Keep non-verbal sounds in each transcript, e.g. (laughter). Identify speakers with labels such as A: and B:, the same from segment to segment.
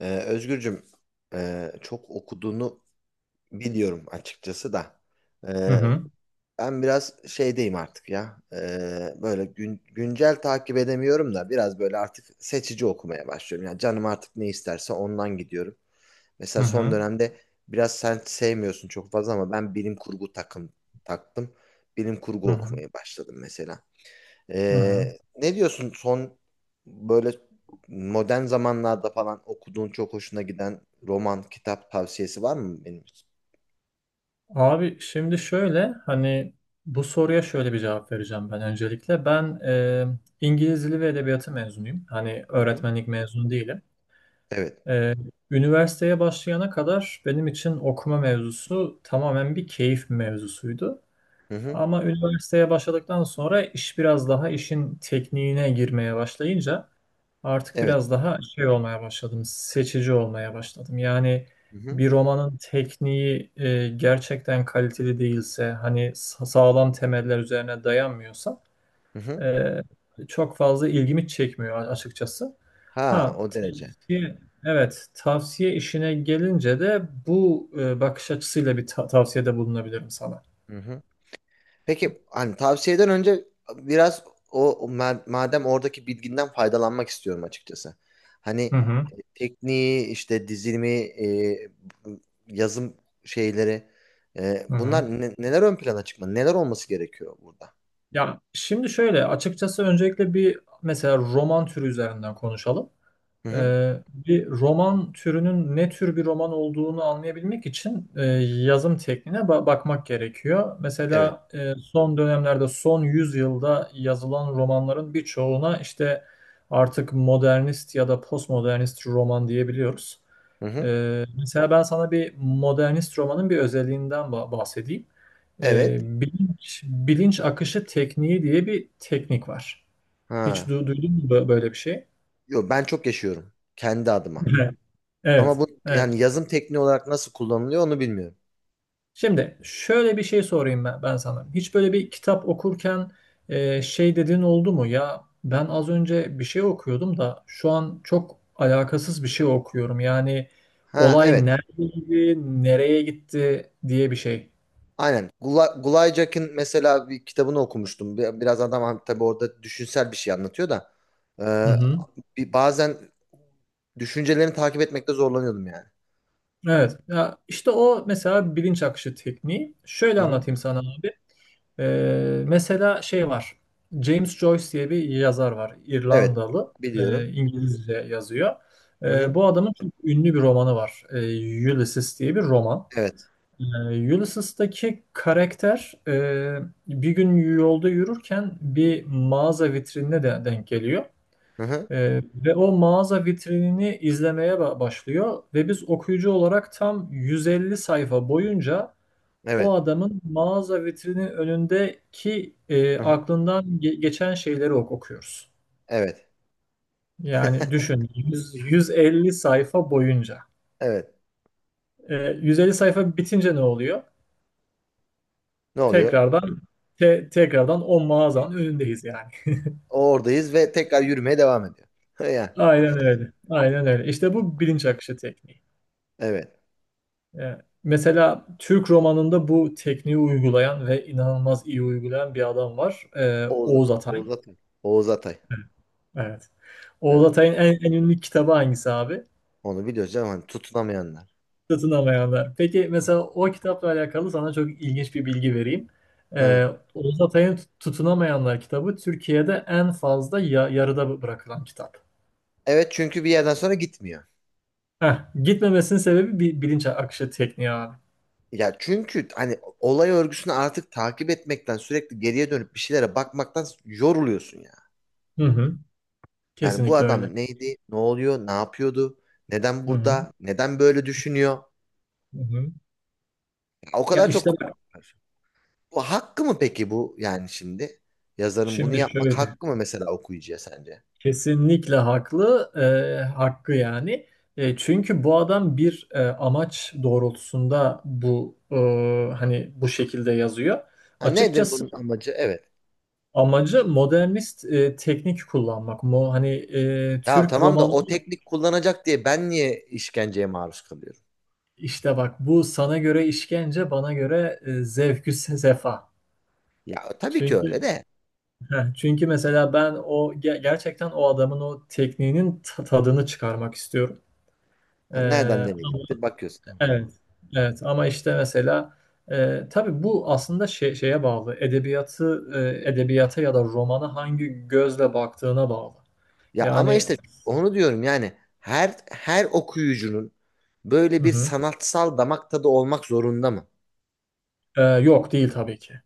A: Özgürcüm, çok okuduğunu biliyorum açıkçası da.
B: Hı
A: Ee,
B: hı,
A: Ben biraz şeydeyim artık ya. Böyle güncel takip edemiyorum da biraz böyle artık seçici okumaya başlıyorum. Yani canım artık ne isterse ondan gidiyorum.
B: hı
A: Mesela son
B: hı,
A: dönemde biraz sen sevmiyorsun çok fazla ama ben bilim kurgu takım taktım. Bilim
B: hı
A: kurgu
B: hı,
A: okumaya başladım mesela.
B: hı hı.
A: Ne diyorsun son böyle modern zamanlarda falan okuduğun çok hoşuna giden roman, kitap tavsiyesi var mı benim için?
B: Abi şimdi şöyle hani bu soruya şöyle bir cevap vereceğim ben öncelikle. Ben İngiliz Dili ve Edebiyatı mezunuyum. Hani
A: Hı hı.
B: öğretmenlik mezunu değilim.
A: Evet.
B: E, Üniversiteye başlayana kadar benim için okuma mevzusu tamamen bir keyif mevzusuydu.
A: Hı hı.
B: Ama üniversiteye başladıktan sonra iş biraz daha işin tekniğine girmeye başlayınca artık
A: Evet.
B: biraz daha şey olmaya başladım, seçici olmaya başladım. Yani
A: Hı hı.
B: bir romanın tekniği gerçekten kaliteli değilse, hani sağlam temeller üzerine dayanmıyorsa
A: Hı hı.
B: e, çok fazla ilgimi çekmiyor açıkçası.
A: Ha,
B: Ha,
A: o derece.
B: tavsiye, evet, tavsiye işine gelince de bu bakış açısıyla bir tavsiyede bulunabilirim sana.
A: Hı hı. Peki hani tavsiyeden önce biraz o o madem oradaki bilginden faydalanmak istiyorum açıkçası.
B: Hı
A: Hani
B: hı,
A: tekniği işte dizilimi yazım şeyleri
B: hı hı.
A: bunlar neler ön plana çıkmalı? Neler olması gerekiyor burada?
B: Ya şimdi şöyle, açıkçası öncelikle bir mesela roman türü üzerinden konuşalım.
A: Hı hı.
B: Bir roman türünün ne tür bir roman olduğunu anlayabilmek için yazım tekniğine bakmak gerekiyor.
A: Evet.
B: Mesela son dönemlerde, son yüzyılda yazılan romanların birçoğuna işte artık modernist ya da postmodernist roman diyebiliyoruz.
A: Hı hı.
B: Mesela ben sana bir modernist romanın bir özelliğinden bahsedeyim. Ee,
A: Evet.
B: bilinç, bilinç akışı tekniği diye bir teknik var. Hiç
A: Ha.
B: duydun mu böyle bir şey?
A: Yo, ben çok yaşıyorum kendi adıma.
B: (laughs)
A: Ama
B: Evet.
A: bu
B: Evet.
A: yani yazım tekniği olarak nasıl kullanılıyor onu bilmiyorum.
B: Şimdi şöyle bir şey sorayım ben sana. Hiç böyle bir kitap okurken şey dediğin oldu mu? Ya ben az önce bir şey okuyordum da şu an çok alakasız bir şey okuyorum. Yani
A: Ha,
B: olay
A: evet.
B: neredeydi, nereye gitti diye bir şey.
A: Aynen. Gulaycak'ın mesela bir kitabını okumuştum. Biraz adam tabii orada düşünsel bir şey anlatıyor da
B: Hı
A: Ee,
B: hı.
A: bazen düşüncelerini takip etmekte zorlanıyordum yani.
B: Evet. Ya işte o mesela bilinç akışı tekniği. Şöyle
A: Hı hı.
B: anlatayım sana, abi. Mesela şey var. James Joyce diye bir yazar var.
A: Evet.
B: İrlandalı.
A: Biliyorum.
B: İngilizce yazıyor.
A: Hı hı.
B: Bu adamın çok ünlü bir romanı var. Ulysses diye bir roman.
A: Evet.
B: Ulysses'taki karakter bir gün yolda yürürken bir mağaza vitrinine de denk geliyor.
A: Hı hı.
B: Ve o mağaza vitrinini izlemeye başlıyor ve biz okuyucu olarak tam 150 sayfa boyunca o
A: Evet.
B: adamın mağaza vitrinin önündeki
A: Hı hı.
B: aklından geçen şeyleri okuyoruz.
A: Evet.
B: Yani düşün 100 150 sayfa boyunca.
A: Evet.
B: E, 150 sayfa bitince ne oluyor?
A: Ne oluyor?
B: Tekrardan tekrardan o mağazanın önündeyiz yani.
A: Oradayız ve tekrar yürümeye devam ediyor. (laughs) Ya,
B: Aynen öyle. Aynen öyle. İşte bu bilinç akışı tekniği.
A: evet.
B: E, Mesela Türk romanında bu tekniği uygulayan ve inanılmaz iyi uygulayan bir adam var.
A: Oğuz,
B: Oğuz Atay.
A: Oğuz Atay. Oğuz Atay.
B: Evet. Oğuz
A: Evet.
B: Atay'ın en ünlü kitabı hangisi abi?
A: Onu biliyoruz canım. Hani tutunamayanlar.
B: Satın alamayanlar. Peki mesela o kitapla alakalı sana çok ilginç bir bilgi vereyim.
A: Evet.
B: Ee, Oğuz Atay'ın Tutunamayanlar kitabı Türkiye'de en fazla yarıda bırakılan kitap.
A: Evet, çünkü bir yerden sonra gitmiyor.
B: Heh, gitmemesinin sebebi bir bilinç akışı tekniği abi.
A: Ya çünkü hani olay örgüsünü artık takip etmekten sürekli geriye dönüp bir şeylere bakmaktan yoruluyorsun ya.
B: Hı hı.
A: Yani bu
B: Kesinlikle öyle.
A: adam neydi? Ne oluyor? Ne yapıyordu? Neden
B: Hı hı.
A: burada? Neden böyle düşünüyor?
B: Hı hı.
A: Ya o
B: Ya
A: kadar çok
B: işte bak
A: var. Bu hakkı mı peki bu yani şimdi? Yazarın bunu
B: şimdi
A: yapmak
B: şöyle.
A: hakkı mı mesela okuyucuya sence?
B: Kesinlikle haklı. Hakkı yani. Çünkü bu adam bir amaç doğrultusunda bu hani bu şekilde yazıyor.
A: Ha, nedir
B: Açıkçası
A: bunun amacı? Evet.
B: amacı modernist teknik kullanmak. Hani
A: Ya
B: Türk
A: tamam da
B: romanı
A: o teknik kullanacak diye ben niye işkenceye maruz kalıyorum?
B: işte bak bu sana göre işkence, bana göre zevkü sefa.
A: Ya tabii ki
B: Çünkü
A: öyle de.
B: (laughs) çünkü mesela ben o gerçekten o adamın o tekniğinin tadını çıkarmak istiyorum. E,
A: Ha, nereden nereye gitti? Bakıyorsun. Anladım.
B: evet. Evet ama işte mesela tabii bu aslında şey, şeye bağlı. Edebiyata ya da romana hangi gözle baktığına bağlı.
A: Ya ama
B: Yani
A: işte onu diyorum yani her okuyucunun böyle
B: hı
A: bir
B: hı.
A: sanatsal damak tadı olmak zorunda mı?
B: Yok değil tabii ki.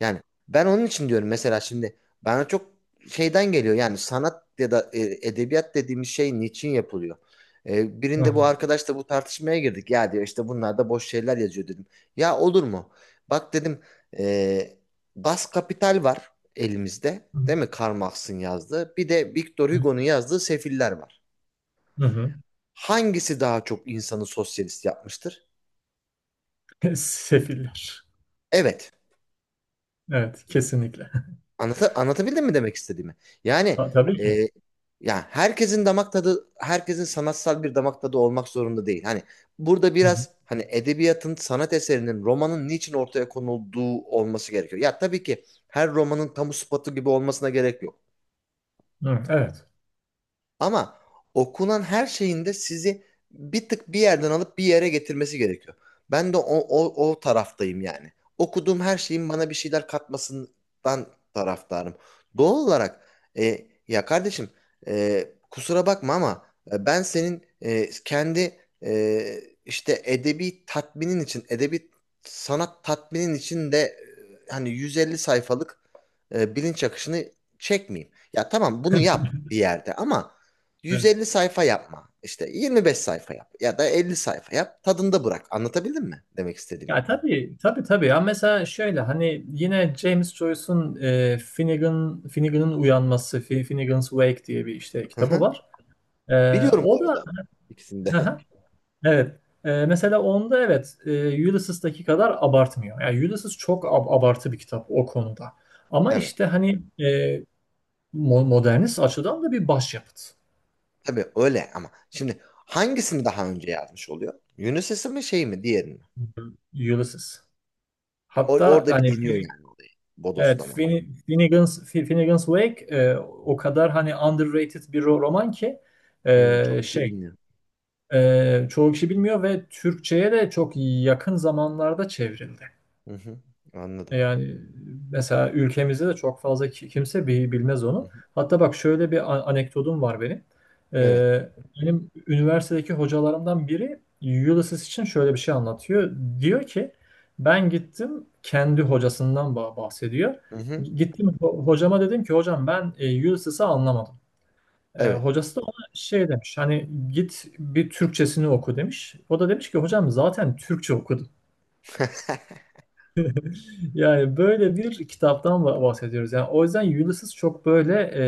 A: Yani ben onun için diyorum mesela şimdi bana çok şeyden geliyor yani sanat ya da edebiyat dediğimiz şey niçin yapılıyor? Birinde bu arkadaşla bu tartışmaya girdik. Ya diyor işte bunlar da boş şeyler yazıyor dedim. Ya olur mu? Bak dedim e, Das Kapital var elimizde.
B: Hı hı.
A: Değil mi? Karl Marx'ın yazdığı. Bir de Victor Hugo'nun yazdığı Sefiller var.
B: Hı hı.
A: Hangisi daha çok insanı sosyalist yapmıştır?
B: (laughs) Sefiller.
A: Evet.
B: Evet, kesinlikle. (laughs)
A: Anlata, anlatabildim mi demek istediğimi? Yani
B: Tabii ki.
A: e, ya herkesin damak tadı, herkesin sanatsal bir damak tadı olmak zorunda değil. Hani burada
B: Hı hı.
A: biraz hani edebiyatın, sanat eserinin, romanın niçin ortaya konulduğu olması gerekiyor. Ya tabii ki her romanın kamu spotu gibi olmasına gerek yok.
B: Hı, evet.
A: Ama okunan her şeyin de sizi bir tık bir yerden alıp bir yere getirmesi gerekiyor. Ben de o taraftayım yani. Okuduğum her şeyin bana bir şeyler katmasından taraftarım. Doğal olarak ya kardeşim, e, kusura bakma ama ben senin kendi işte edebi tatminin için, edebi sanat tatminin için de hani 150 sayfalık bilinç akışını çekmeyeyim. Ya tamam bunu yap bir yerde ama
B: Evet.
A: 150 sayfa yapma. İşte 25 sayfa yap ya da 50 sayfa yap. Tadında bırak. Anlatabildim mi demek istediğimi?
B: Ya tabii, tabii tabii. Ya mesela şöyle hani yine James Joyce'un Finnegan'ın uyanması, Finnegan's Wake diye bir işte
A: Hı
B: kitabı
A: hı.
B: var. E,
A: Biliyorum bu
B: o da
A: arada ikisinde. (laughs)
B: (laughs) evet. Mesela onda evet Ulysses'taki kadar abartmıyor. Yani Ulysses çok abartı bir kitap o konuda. Ama
A: Evet.
B: işte hani e, modernist açıdan da bir başyapıt.
A: Tabii öyle ama şimdi hangisini daha önce yazmış oluyor? Unisys'i mi şey mi diğerini mi?
B: Ulysses. Hatta
A: Orada bir
B: hani
A: deniyor yani olayı.
B: Evet,
A: Bodoslama.
B: Finnegan's Wake o kadar hani underrated bir roman ki
A: Hmm,
B: e,
A: çok kişi
B: şey
A: bilmiyor.
B: çoğu kişi bilmiyor ve Türkçe'ye de çok yakın zamanlarda çevrildi.
A: Hı hı. Anladım.
B: Yani mesela ülkemizde de çok fazla kimse bilmez
A: Hı
B: onu.
A: hı.
B: Hatta bak şöyle bir anekdotum var benim.
A: Evet.
B: Ee, Benim üniversitedeki hocalarımdan biri Ulysses için şöyle bir şey anlatıyor. Diyor ki ben gittim kendi hocasından bahsediyor.
A: Hı hı.
B: Gittim hocama dedim ki hocam ben Ulysses'i anlamadım.
A: Evet.
B: Hocası da ona şey demiş hani git bir Türkçesini oku demiş. O da demiş ki hocam zaten Türkçe okudum.
A: (laughs)
B: Yani böyle bir kitaptan bahsediyoruz. Yani o yüzden Ulysses çok böyle e,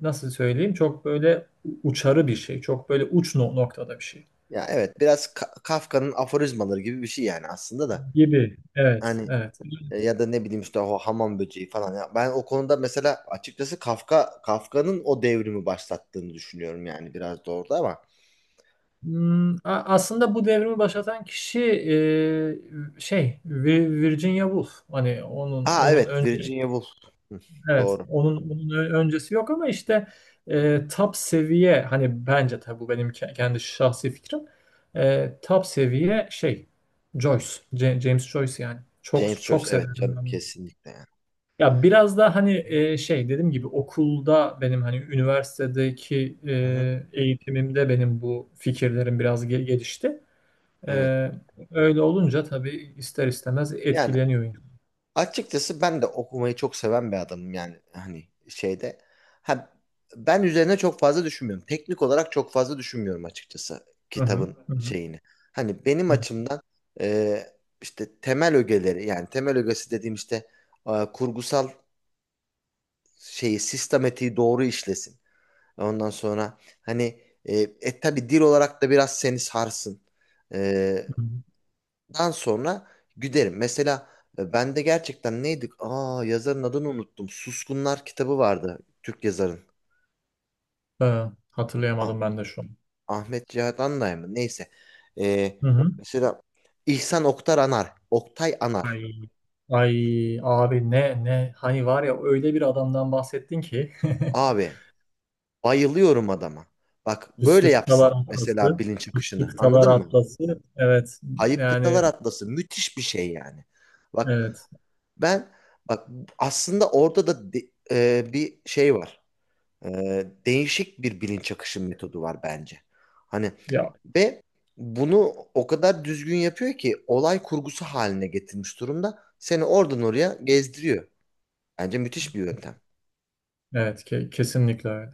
B: nasıl söyleyeyim çok böyle uçarı bir şey. Çok böyle uç noktada bir şey
A: Ya evet, biraz Kafka'nın aforizmaları gibi bir şey yani aslında da.
B: gibi. Evet,
A: Hani
B: evet.
A: Ya da ne bileyim işte o hamam böceği falan. Ya ben o konuda mesela açıkçası Kafka'nın o devrimi başlattığını düşünüyorum yani biraz da orada ama.
B: Aslında bu devrimi başlatan kişi Virginia Woolf. Hani onun
A: Aa
B: onun
A: evet,
B: önce,
A: Virginia Woolf. Hı,
B: evet,
A: doğru.
B: onun öncesi yok ama işte top seviye hani bence tabii bu benim kendi şahsi fikrim. Top seviye şey Joyce, James Joyce yani. Çok
A: James Joyce,
B: çok
A: evet
B: severim
A: canım,
B: ben.
A: kesinlikle yani.
B: Ya biraz da hani
A: Hı hı.
B: şey dediğim gibi okulda benim hani üniversitedeki
A: Hı hı,
B: eğitimimde benim bu fikirlerim biraz gelişti. E,
A: evet.
B: öyle olunca tabii ister istemez
A: Yani
B: etkileniyor.
A: açıkçası ben de okumayı çok seven bir adamım yani hani şeyde. Ha, ben üzerine çok fazla düşünmüyorum. Teknik olarak çok fazla düşünmüyorum açıkçası
B: Hı hı,
A: kitabın
B: hı hı,
A: şeyini. Hani benim
B: hı
A: açımdan e, işte temel ögeleri yani temel ögesi dediğim işte kurgusal şeyi sistematiği doğru işlesin. Ondan sonra hani tabii dil olarak da biraz seni sarsın. E,
B: hı.
A: Dan sonra güderim. Mesela ben de gerçekten neydik? Aa, yazarın adını unuttum. Suskunlar kitabı vardı. Türk yazarın.
B: Ha,
A: Ah,
B: hatırlayamadım ben de şu an.
A: Ahmet Cihat Anday mı? Neyse. Ee,
B: Hı hı.
A: mesela İhsan Oktar Anar. Oktay Anar.
B: Ay, ay abi ne hani var ya öyle bir adamdan bahsettin ki (laughs)
A: Abi bayılıyorum adama. Bak böyle
B: Puslu
A: yapsın
B: Kıtalar
A: mesela
B: Atlası
A: bilinç
B: Puslu
A: akışını.
B: Kıtalar
A: Anladın mı?
B: Atlası evet
A: Ayıp Kıtalar
B: yani
A: Atlası müthiş bir şey yani. Bak
B: evet
A: ben bak aslında orada da bir şey var. Değişik bir bilinç akışı metodu var bence. Hani
B: ya
A: ve bunu o kadar düzgün yapıyor ki olay kurgusu haline getirmiş durumda. Seni oradan oraya gezdiriyor. Bence müthiş bir yöntem.
B: evet kesinlikle öyle.